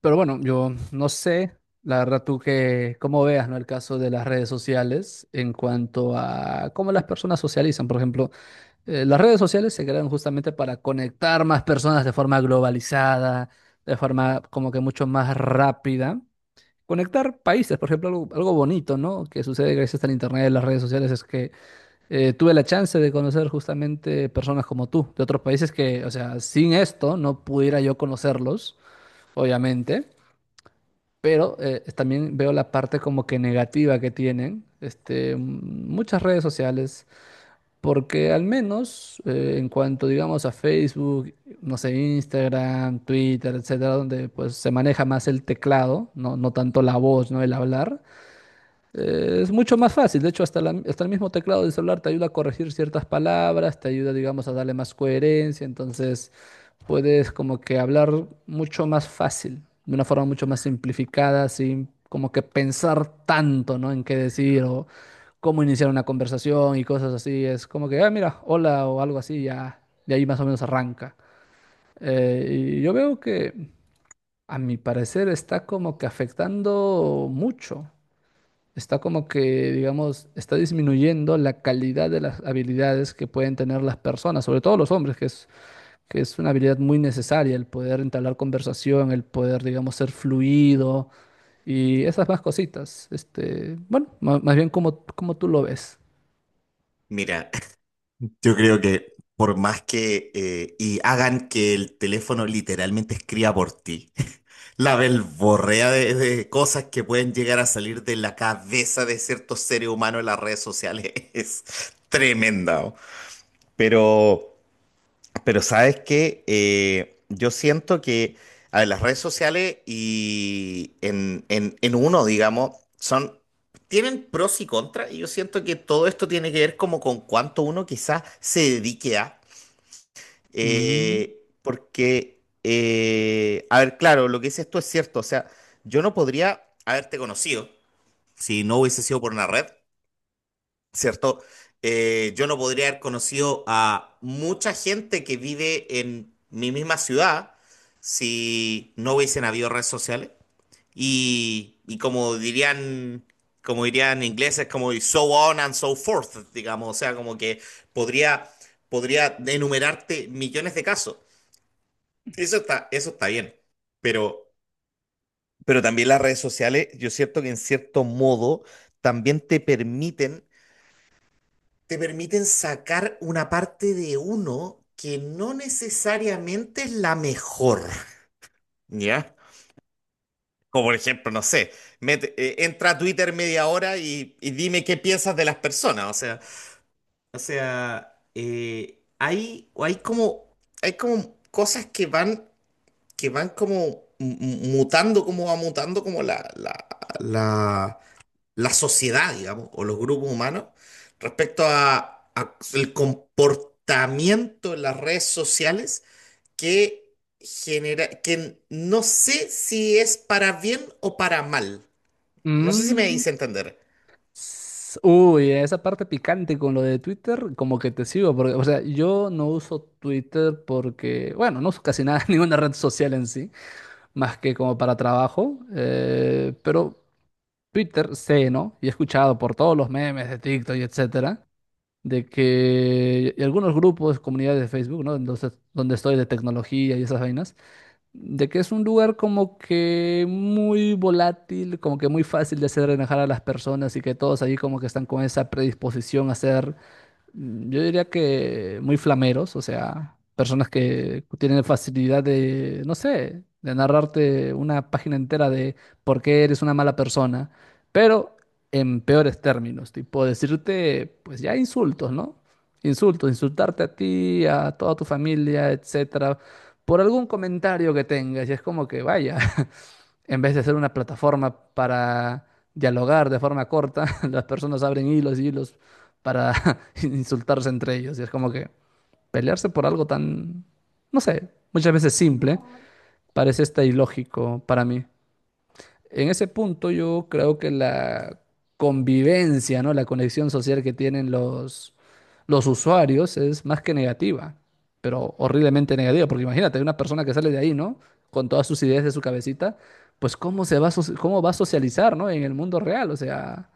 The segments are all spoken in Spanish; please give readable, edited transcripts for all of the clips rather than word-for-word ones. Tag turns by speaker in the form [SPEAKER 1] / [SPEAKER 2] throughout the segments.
[SPEAKER 1] Pero bueno, yo no sé, la verdad tú que, cómo veas, ¿no? El caso de las redes sociales en cuanto a cómo las personas socializan. Por ejemplo, las redes sociales se crean justamente para conectar más personas de forma globalizada, de forma como que mucho más rápida. Conectar países, por ejemplo, algo bonito, ¿no? Que sucede gracias al Internet y las redes sociales es que tuve la chance de conocer justamente personas como tú, de otros países que, o sea, sin esto no pudiera yo conocerlos, obviamente. Pero también veo la parte como que negativa que tienen este, muchas redes sociales, porque al menos en cuanto digamos a Facebook, no sé, Instagram, Twitter, etcétera, donde pues se maneja más el teclado, no tanto la voz, ¿no? El hablar. Es mucho más fácil, de hecho hasta, hasta el mismo teclado del celular te ayuda a corregir ciertas palabras, te ayuda, digamos, a darle más coherencia, entonces puedes como que hablar mucho más fácil, de una forma mucho más simplificada, sin como que pensar tanto, ¿no? En qué decir o cómo iniciar una conversación y cosas así, es como que, ah, mira, hola o algo así, ya, de ahí más o menos arranca. Eh, y yo veo que, a mi parecer, está como que afectando mucho, está como que, digamos, está disminuyendo la calidad de las habilidades que pueden tener las personas, sobre todo los hombres, que es una habilidad muy necesaria, el poder entablar conversación, el poder, digamos, ser fluido y esas más cositas. Este, bueno, más, bien como, como tú lo ves.
[SPEAKER 2] Mira, yo creo que por más que y hagan que el teléfono literalmente escriba por ti, la belborrea de cosas que pueden llegar a salir de la cabeza de ciertos seres humanos en las redes sociales es tremenda. ¿O? Pero pero sabes que yo siento que a ver, las redes sociales y en uno, digamos, son, tienen pros y contras, y yo siento que todo esto tiene que ver como con cuánto uno quizás se dedique a.
[SPEAKER 1] Mm,
[SPEAKER 2] Porque, a ver, claro, lo que dices tú es cierto, o sea, yo no podría haberte conocido si no hubiese sido por una red. ¿Cierto? Yo no podría haber conocido a mucha gente que vive en mi misma ciudad si no hubiesen habido redes sociales. Y como dirían ingleses, como y so on and so forth, digamos, o sea, como que podría, podría enumerarte millones de casos. Eso está bien. Pero, pero también las redes sociales, yo siento que en cierto modo también te permiten sacar una parte de uno que no necesariamente es la mejor, ¿ya? Como por ejemplo, no sé, entra a Twitter media hora y dime qué piensas de las personas, o sea, hay, o hay como cosas que van como mutando, como va mutando como la, la sociedad, digamos, o los grupos humanos respecto a el comportamiento en las redes sociales que genera, que no sé si es para bien o para mal. No sé si me
[SPEAKER 1] mm,
[SPEAKER 2] hice entender.
[SPEAKER 1] s- uy, esa parte picante con lo de Twitter, como que te sigo, porque, o sea, yo no uso Twitter porque, bueno, no uso casi nada, ninguna red social en sí. Más que como para trabajo, pero Twitter sé, ¿no? Y he escuchado por todos los memes de TikTok y etcétera, de que y algunos grupos, comunidades de Facebook, ¿no? Entonces, donde estoy de tecnología y esas vainas, de que es un lugar como que muy volátil, como que muy fácil de hacer enojar a las personas y que todos ahí como que están con esa predisposición a ser, mm, yo diría que muy flameros, o sea, personas que tienen facilidad de, no sé, de narrarte una página entera de por qué eres una mala persona, pero en peores términos, tipo decirte, pues ya insultos, ¿no? Insultos, insultarte a ti, a toda tu familia, etcétera, por algún comentario que tengas, y es como que vaya. En vez de ser una plataforma para dialogar de forma corta, las personas abren hilos y hilos para insultarse entre ellos. Y es como que pelearse por algo tan, no sé, muchas veces simple, parece hasta ilógico para mí. En ese punto yo creo que la convivencia, ¿no? La conexión social que tienen los usuarios es más que negativa, pero horriblemente negativa, porque imagínate, una persona que sale de ahí, ¿no? Con todas sus ideas de su cabecita, pues cómo se va a, cómo va a socializar, ¿no? En el mundo real, o sea,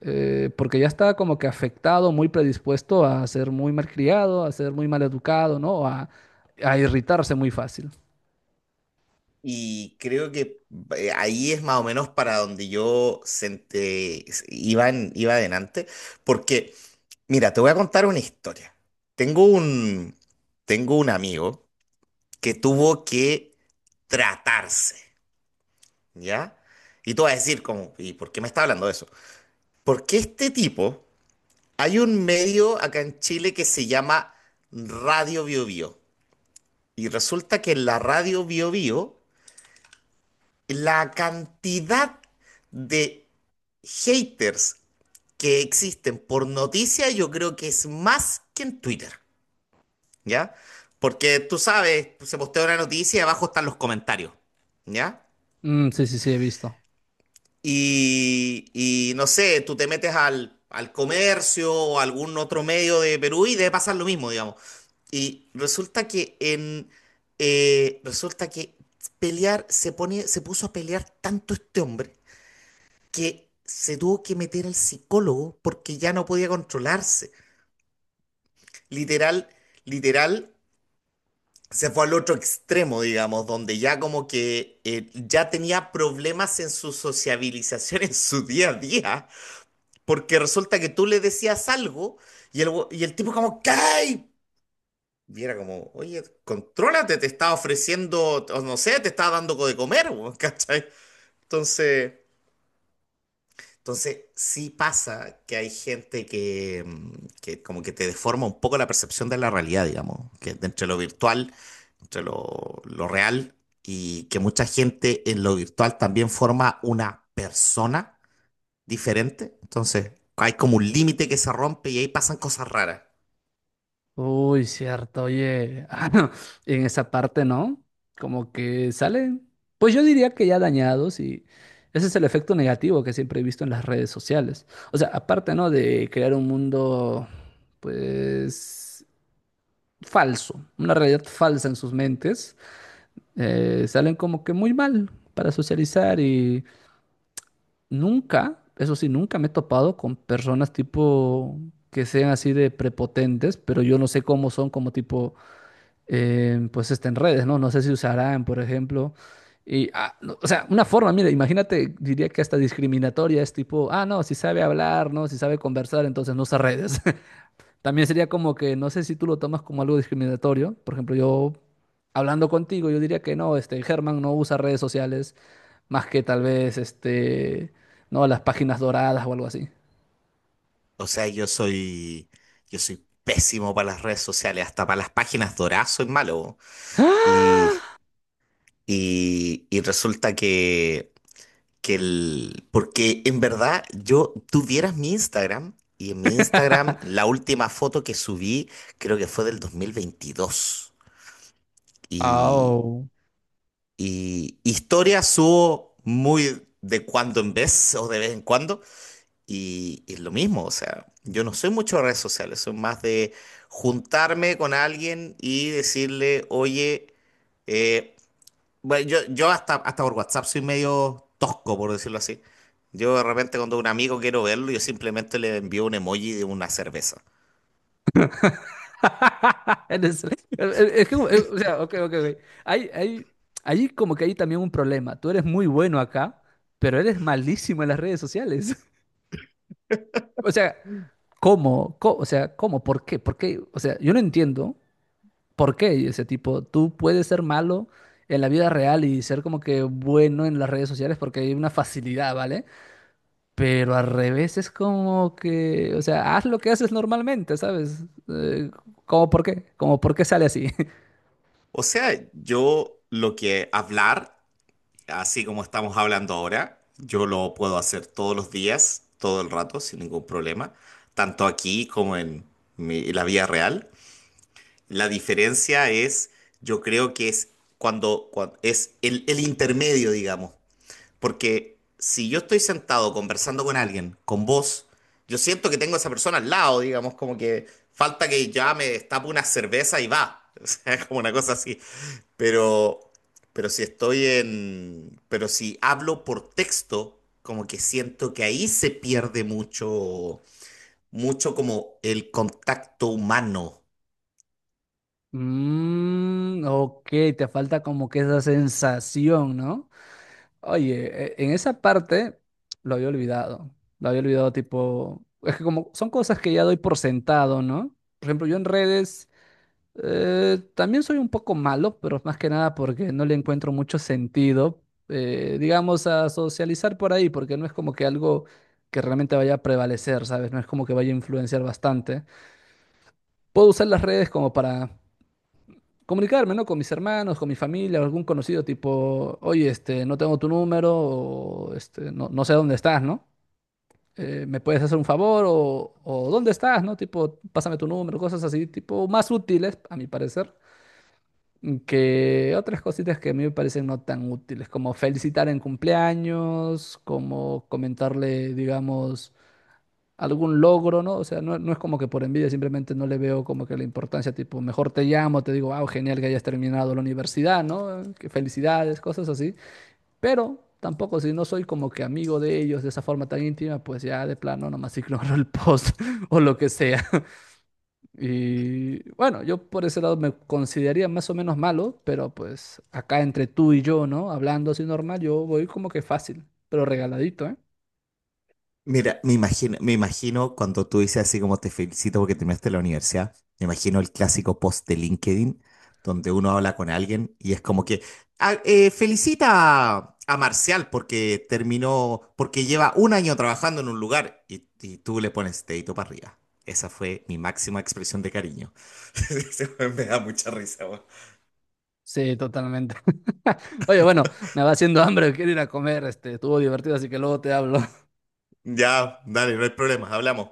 [SPEAKER 1] porque ya está como que afectado, muy predispuesto a ser muy malcriado, a ser muy maleducado, ¿no? A irritarse muy fácil.
[SPEAKER 2] Y creo que ahí es más o menos para donde yo iba, iba adelante, porque, mira, te voy a contar una historia. Tengo un, tengo un amigo que tuvo que tratarse. ¿Ya? Y tú vas a decir, como, ¿y por qué me está hablando de eso? Porque este tipo, hay un medio acá en Chile que se llama Radio Bio Bio. Y resulta que en la Radio Bio Bio, la cantidad de haters que existen por noticia, yo creo que es más que en Twitter, ¿ya? Porque tú sabes, se postea una noticia y abajo están los comentarios, ¿ya?
[SPEAKER 1] Mm, sí, sí, sí, he visto.
[SPEAKER 2] Y no sé, tú te metes al comercio o algún otro medio de Perú y debe pasar lo mismo, digamos. Y resulta que en resulta que se puso a pelear tanto este hombre que se tuvo que meter al psicólogo porque ya no podía controlarse. Literal, literal. Se fue al otro extremo, digamos, donde ya como que ya tenía problemas en su sociabilización en su día a día. Porque resulta que tú le decías algo y y el tipo como, ¡Cay! Y era como, oye, contrólate, te está ofreciendo, o no sé, te está dando de comer, weón, ¿cachai? Entonces, entonces sí pasa que hay gente que, que como que te deforma un poco la percepción de la realidad, digamos, que entre lo virtual, entre lo real, y que mucha gente en lo virtual también forma una persona diferente. Entonces, hay como un límite que se rompe y ahí pasan cosas raras.
[SPEAKER 1] Uy, cierto, oye, ah, no, en esa parte, ¿no? Como que salen, pues yo diría que ya dañados y ese es el efecto negativo que siempre he visto en las redes sociales. O sea, aparte, ¿no? De crear un mundo, pues, falso, una realidad falsa en sus mentes, salen como que muy mal para socializar y nunca, eso sí, nunca me he topado con personas tipo que sean así de prepotentes, pero yo no sé cómo son como tipo, pues este, en redes, ¿no? No sé si usarán, por ejemplo. Y, ah, no, o sea, una forma, mira, imagínate, diría que hasta discriminatoria es tipo, ah, no, si sabe hablar, ¿no? Si sabe conversar, entonces no usa redes. También sería como que, no sé si tú lo tomas como algo discriminatorio. Por ejemplo, yo hablando contigo, yo diría que no, este, Germán no usa redes sociales más que tal vez, este, no, las páginas doradas o algo así.
[SPEAKER 2] O sea, yo soy pésimo para las redes sociales, hasta para las páginas doradas soy malo. Bo. Y, y resulta que el, porque en verdad yo, tú vieras mi Instagram y en mi Instagram la última foto que subí creo que fue del 2022. Y,
[SPEAKER 1] ¡Ah!
[SPEAKER 2] y historias subo muy de cuando en vez o de vez en cuando. Y es lo mismo, o sea, yo no soy mucho de redes sociales, soy más de juntarme con alguien y decirle, oye, eh, bueno, yo hasta por WhatsApp soy medio tosco, por decirlo así. Yo de repente cuando un amigo quiero verlo, yo simplemente le envío un emoji de una cerveza.
[SPEAKER 1] Eres... Es que, o sea, ok, ok, ok. Hay, hay, hay como que hay también un problema. Tú eres muy bueno acá, pero eres malísimo en las redes sociales. O sea, ¿cómo? Co... O sea, ¿cómo? ¿Por qué? ¿Por qué? O sea, yo no entiendo por qué ese tipo. Tú puedes ser malo en la vida real y ser como que bueno en las redes sociales porque hay una facilidad, ¿vale? Pero al revés es como que, o sea, haz lo que haces normalmente, ¿sabes? ¿Cómo por qué? ¿Cómo por qué sale así?
[SPEAKER 2] O sea, yo lo que hablar, así como estamos hablando ahora, yo lo puedo hacer todos los días, todo el rato, sin ningún problema, tanto aquí como en la vida real. La diferencia es, yo creo que es es el intermedio, digamos. Porque si yo estoy sentado conversando con alguien, con vos, yo siento que tengo a esa persona al lado, digamos, como que falta que ya me destape una cerveza y va. O sea, como una cosa así. Pero, pero si hablo por texto, como que siento que ahí se pierde mucho, mucho como el contacto humano.
[SPEAKER 1] Mm, ok, te falta como que esa sensación, ¿no? Oye, en esa parte lo había olvidado. Lo había olvidado, tipo. Es que como son cosas que ya doy por sentado, ¿no? Por ejemplo, yo en redes también soy un poco malo, pero más que nada porque no le encuentro mucho sentido, digamos, a socializar por ahí, porque no es como que algo que realmente vaya a prevalecer, ¿sabes? No es como que vaya a influenciar bastante. Puedo usar las redes como para comunicarme, ¿no? Con mis hermanos, con mi familia, o algún conocido, tipo, oye, este, no tengo tu número, o este, no, no sé dónde estás, ¿no? ¿Me puedes hacer un favor? O ¿dónde estás? ¿No? Tipo, pásame tu número, cosas así, tipo, más útiles, a mi parecer, que otras cositas que a mí me parecen no tan útiles, como felicitar en cumpleaños, como comentarle, digamos, algún logro, ¿no? O sea, no es como que por envidia, simplemente no le veo como que la importancia, tipo, mejor te llamo, te digo, wow, genial que hayas terminado la universidad, ¿no? Que felicidades, cosas así. Pero tampoco, si no soy como que amigo de ellos de esa forma tan íntima, pues ya de plano nomás ignoro el post o lo que sea. Y bueno, yo por ese lado me consideraría más o menos malo, pero pues acá entre tú y yo, ¿no? Hablando así normal, yo voy como que fácil, pero regaladito, ¿eh?
[SPEAKER 2] Mira, me imagino cuando tú dices así como te felicito porque terminaste la universidad, me imagino el clásico post de LinkedIn donde uno habla con alguien y es como que "Ah, felicita a Marcial porque terminó, porque lleva un año trabajando en un lugar y tú le pones dedito para arriba". Esa fue mi máxima expresión de cariño. Ese weón me da mucha risa. Weón.
[SPEAKER 1] Sí, totalmente. Oye, bueno, me va haciendo hambre, quiero ir a comer, este, estuvo divertido, así que luego te hablo.
[SPEAKER 2] Ya, dale, no hay problema, hablamos.